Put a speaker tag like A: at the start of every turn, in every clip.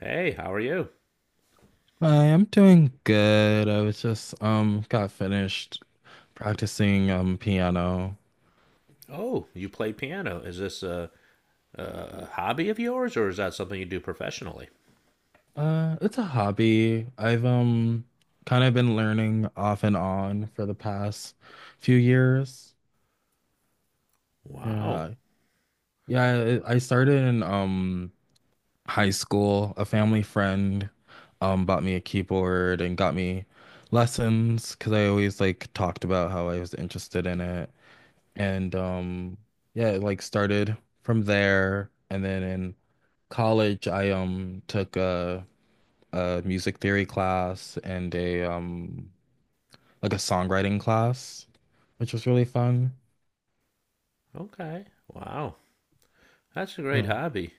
A: Hey, how are you?
B: Hi, I'm doing good. I was just got finished practicing piano.
A: Oh, you play piano. Is this a hobby of yours, or is that something you do professionally?
B: It's a hobby. I've kind of been learning off and on for the past few years.
A: Wow.
B: Yeah. Yeah, I started in high school. A family friend bought me a keyboard and got me lessons because I always like talked about how I was interested in it. And yeah, it like started from there. And then in college I took a music theory class and a like a songwriting class, which was really fun.
A: Okay. Wow. That's a great
B: Yeah.
A: hobby.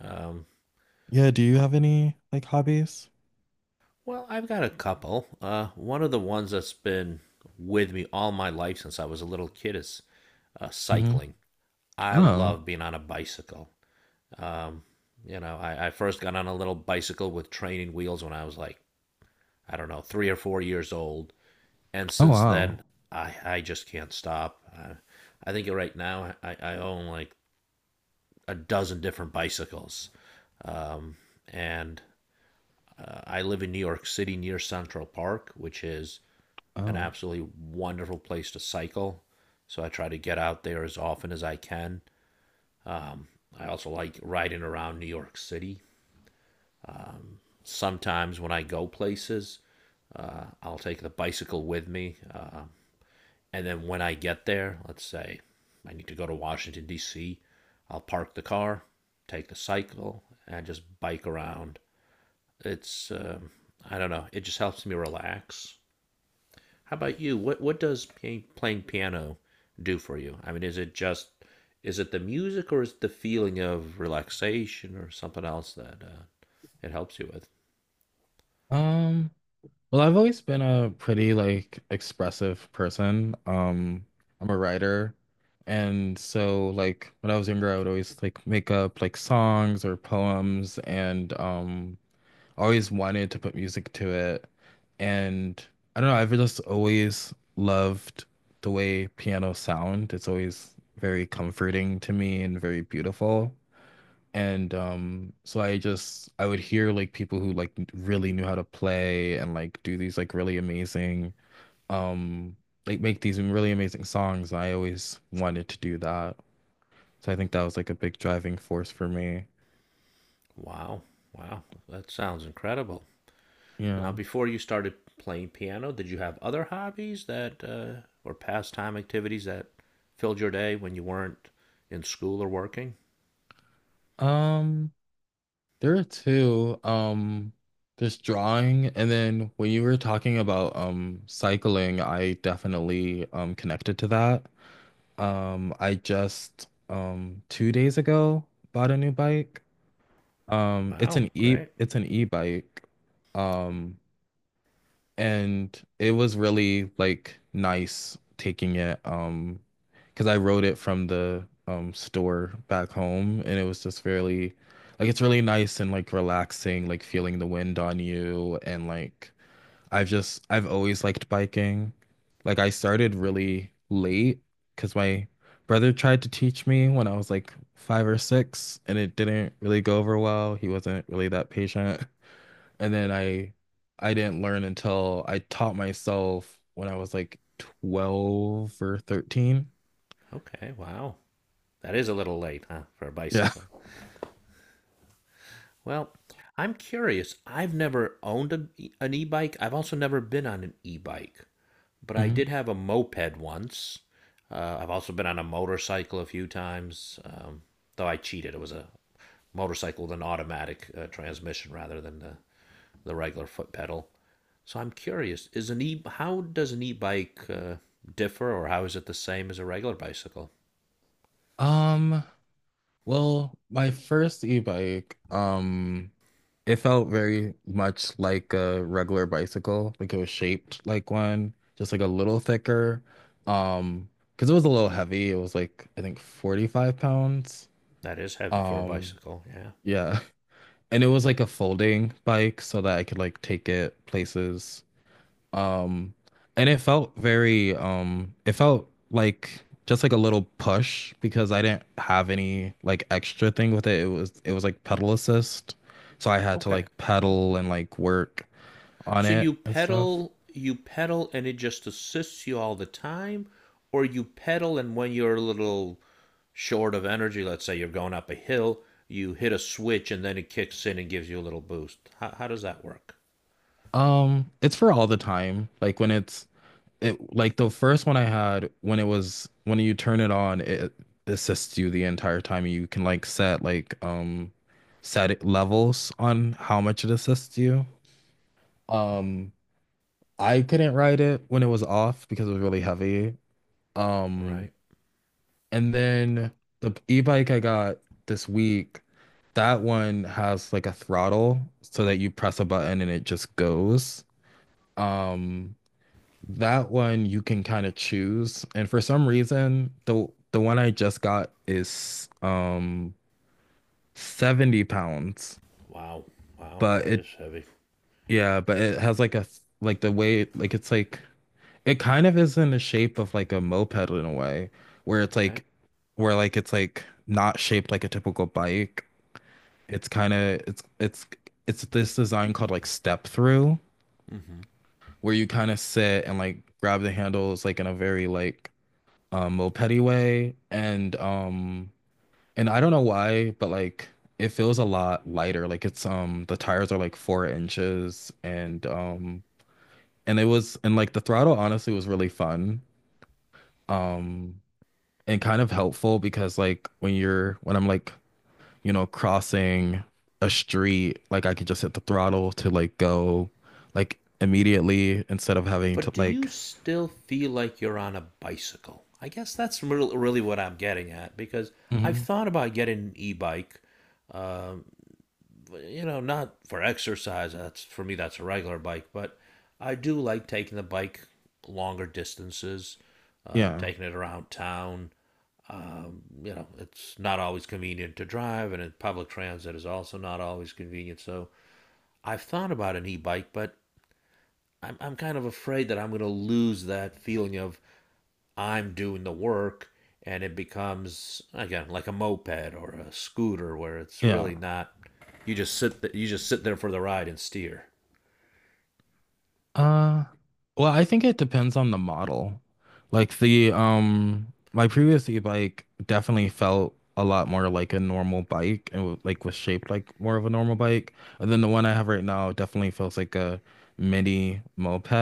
A: Um,
B: Yeah, do you have any like hobbies?
A: well, I've got a couple. One of the ones that's been with me all my life since I was a little kid is
B: Hmm.
A: cycling. I
B: Oh.
A: love being on a bicycle. Um, I first got on a little bicycle with training wheels when I was like, I don't know, 3 or 4 years old. And
B: Oh
A: since
B: wow.
A: then, I just can't stop. I think right now I own like a dozen different bicycles, and I live in New York City near Central Park, which is an
B: Oh.
A: absolutely wonderful place to cycle. So I try to get out there as often as I can. I also like riding around New York City. Sometimes when I go places, I'll take the bicycle with me. And then when I get there, let's say I need to go to Washington, D.C., I'll park the car, take the cycle, and just bike around. It's, I don't know, it just helps me relax. How about you? What does playing piano do for you? I mean, is it just, is it the music, or is it the feeling of relaxation or something else that it helps you with?
B: Um Well, I've always been a pretty like expressive person. I'm a writer. And so like when I was younger, I would always like make up like songs or poems and always wanted to put music to it. And I don't know, I've just always loved the way piano sound. It's always very comforting to me and very beautiful. And so I would hear like people who like really knew how to play and like do these like really amazing um like make these really amazing songs. I always wanted to do that. So I think that was like a big driving force for me.
A: Wow, wow, that sounds incredible. Now,
B: Yeah.
A: before you started playing piano, did you have other hobbies that or pastime activities that filled your day when you weren't in school or working?
B: Um, there are two. There's drawing and then when you were talking about cycling, I definitely connected to that. I just 2 days ago bought a new bike. It's
A: Wow,
B: an
A: great.
B: e-bike. Um, and it was really like nice taking it because I rode it from the store back home and it was just really like it's really nice and like relaxing, like feeling the wind on you and like I've always liked biking. Like I started really late because my brother tried to teach me when I was like five or six, and it didn't really go over well. He wasn't really that patient. And then I didn't learn until I taught myself when I was like 12 or 13.
A: Okay, wow. That is a little late, huh, for a
B: Yeah.
A: bicycle. Well, I'm curious. I've never owned an e-bike. I've also never been on an e-bike, but I
B: Mhm.
A: did have a moped once. I've also been on a motorcycle a few times, though I cheated. It was a motorcycle with an automatic transmission rather than the regular foot pedal. So I'm curious: is an e how does an e-bike differ, or how is it the same as a regular bicycle?
B: Um, well, my first e-bike, it felt very much like a regular bicycle. Like it was shaped like one, just like a little thicker. Um, because it was a little heavy. It was like I think 45 pounds.
A: That is heavy for a
B: Um,
A: bicycle. Yeah.
B: yeah. And it was like a folding bike so that I could like take it places. Um, and it felt very it felt like just like a little push because I didn't have any like extra thing with it. It was like pedal assist. So I had to
A: Okay.
B: like pedal and like work on
A: So
B: it
A: you
B: and stuff.
A: pedal, you pedal, and it just assists you all the time, or you pedal, and when you're a little short of energy, let's say you're going up a hill, you hit a switch, and then it kicks in and gives you a little boost. How does that work?
B: It's for all the time. Like when it's it like the first one I had when it was when you turn it on, it assists you the entire time. You can like set like levels on how much it assists you. Um I couldn't ride it when it was off because it was really heavy.
A: All
B: Um,
A: right.
B: and then the e-bike I got this week, that one has like a throttle so that you press a button and it just goes. Um, that one you can kind of choose. And for some reason, the one I just got is 70 pounds,
A: Wow. Wow.
B: but
A: That is
B: it
A: heavy.
B: yeah, but it has like a like the weight like it kind of is in the shape of like a moped in a way, where it's
A: Okay.
B: like where like it's like not shaped like a typical bike. It's kind of it's this design called like step through,
A: Mm-hmm.
B: where you kind of sit and like grab the handles like in a very like mopedy way. And I don't know why, but like it feels a lot lighter. Like it's the tires are like 4 inches and it was and like the throttle honestly was really fun. Um and kind of helpful because like when you're when I'm like, you know, crossing a street, like I could just hit the throttle to like go like immediately instead of having
A: But
B: to
A: do you
B: like
A: still feel like you're on a bicycle? I guess that's real really what I'm getting at, because I've
B: hmm
A: thought about getting an e-bike. Um, Not for exercise. That's for me. That's a regular bike, but I do like taking the bike longer distances,
B: yeah.
A: taking it around town. It's not always convenient to drive, and in public transit is also not always convenient. So I've thought about an e-bike, but I'm kind of afraid that I'm going to lose that feeling of I'm doing the work, and it becomes again like a moped or a scooter where it's
B: Yeah.
A: really not you just sit you just sit there for the ride and steer
B: Uh, well, I think it depends on the model. Like the my previous e-bike definitely felt a lot more like a normal bike and like was shaped like more of a normal bike. And then the one I have right now definitely feels like a mini moped.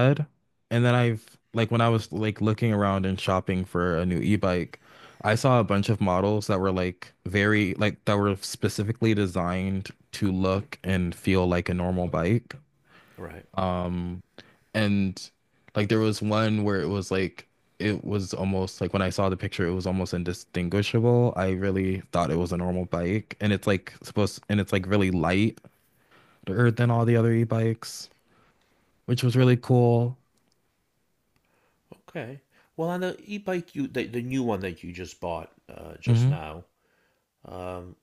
B: And then I've like when I was like looking around and shopping for a new e-bike, I saw a bunch of models that were like very like that were specifically designed to look and feel like a normal bike.
A: right.
B: Um and like there was one where it was like it was almost like when I saw the picture, it was almost indistinguishable. I really thought it was a normal bike, and it's like supposed and it's like really lighter than all the other e-bikes, which was really cool.
A: Okay, well, on the e-bike, you the new one that you just bought just
B: Hmm.
A: now, um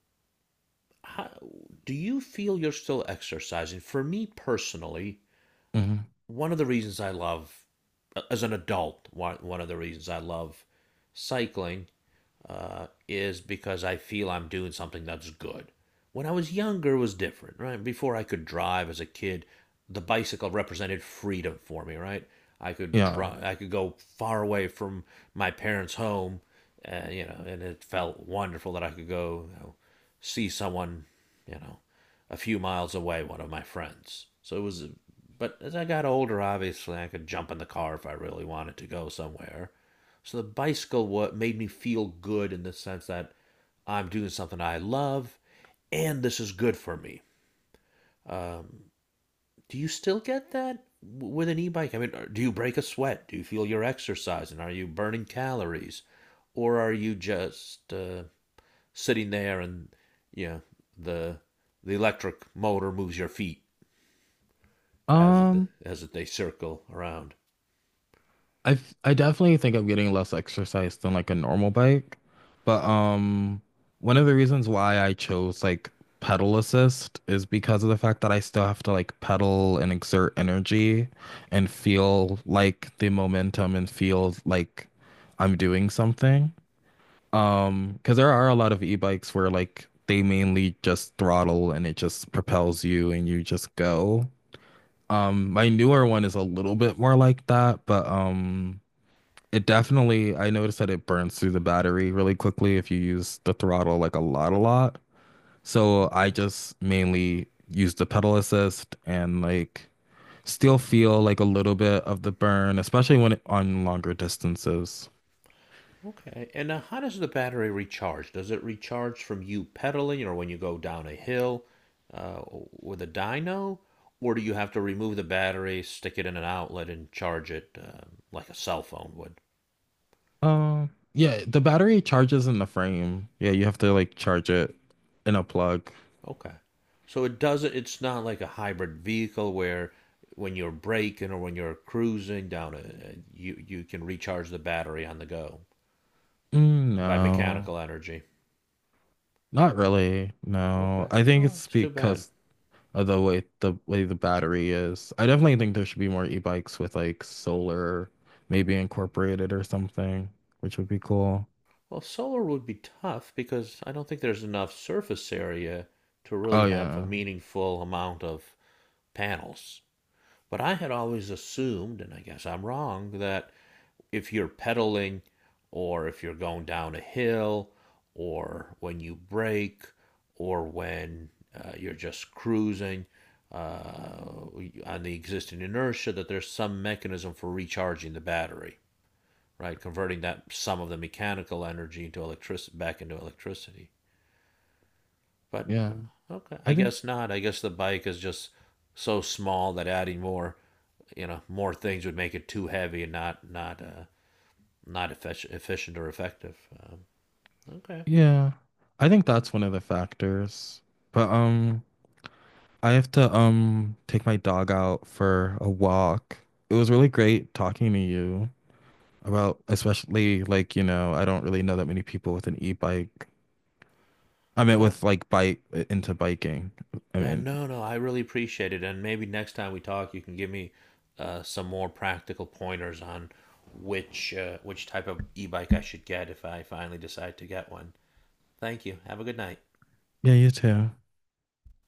A: how, do you feel you're still exercising? For me personally,
B: Hmm.
A: one of the reasons I love as an adult, one of the reasons I love cycling is because I feel I'm doing something that's good. When I was younger, it was different, right? Before I could drive as a kid, the bicycle represented freedom for me, right? I could
B: Yeah.
A: drive, I could go far away from my parents' home, and and it felt wonderful that I could go, see someone, you know, a few miles away, one of my friends. So it was, but as I got older, obviously, I could jump in the car if I really wanted to go somewhere. So the bicycle what made me feel good in the sense that I'm doing something I love, and this is good for me. Um, do you still get that with an e-bike? I mean, do you break a sweat? Do you feel you're exercising? Are you burning calories, or are you just sitting there and you know the the electric motor moves your feet as the,
B: Um,
A: as they circle around?
B: I definitely think I'm getting less exercise than like a normal bike, but one of the reasons why I chose like pedal assist is because of the fact that I still have to like pedal and exert energy and feel like the momentum and feel like I'm doing something. Because there are a lot of e-bikes where like they mainly just throttle and it just propels you and you just go. My newer one is a little bit more like that, but. It definitely, I noticed that it burns through the battery really quickly if you use the throttle like a lot, a lot. So I
A: Okay.
B: just mainly use the pedal assist and like still feel like a little bit of the burn, especially when it, on longer distances.
A: Okay. And how does the battery recharge? Does it recharge from you pedaling, or when you go down a hill uh, with a dyno? Or do you have to remove the battery, stick it in an outlet, and charge it like a cell phone would?
B: Yeah, the battery charges in the frame. Yeah, you have to like charge it in a plug.
A: Okay. So it doesn't, it's not like a hybrid vehicle where when you're braking or when you're cruising down, you can recharge the battery on the go
B: Mm,
A: by
B: no,
A: mechanical energy.
B: not really. No,
A: Okay.
B: I think
A: Oh,
B: it's
A: it's too bad.
B: because the way the battery is. I definitely think there should be more e-bikes with like solar maybe incorporated or something, which would be cool.
A: Well, solar would be tough because I don't think there's enough surface area to really
B: Oh
A: have a
B: yeah.
A: meaningful amount of panels. But I had always assumed, and I guess I'm wrong, that if you're pedaling or if you're going down a hill or when you brake or when you're just cruising uh, on the existing inertia, that there's some mechanism for recharging the battery, right? Converting that some of the mechanical energy into electricity back into electricity. But
B: Yeah.
A: okay,
B: I
A: I
B: think
A: guess not. I guess the bike is just so small that adding more, you know, more things would make it too heavy and not not efficient or effective. Um, okay,
B: yeah. I think that's one of the factors. But I have to take my dog out for a walk. It was really great talking to you about especially like, you know, I don't really know that many people with an e-bike. I mean
A: yeah,
B: with like bike into biking. I
A: yeah,
B: mean,
A: no, no, I really appreciate it, and maybe next time we talk, you can give me some more practical pointers on which type of e-bike I should get if I finally decide to get one. Thank you. Have a good night.
B: yeah, you too.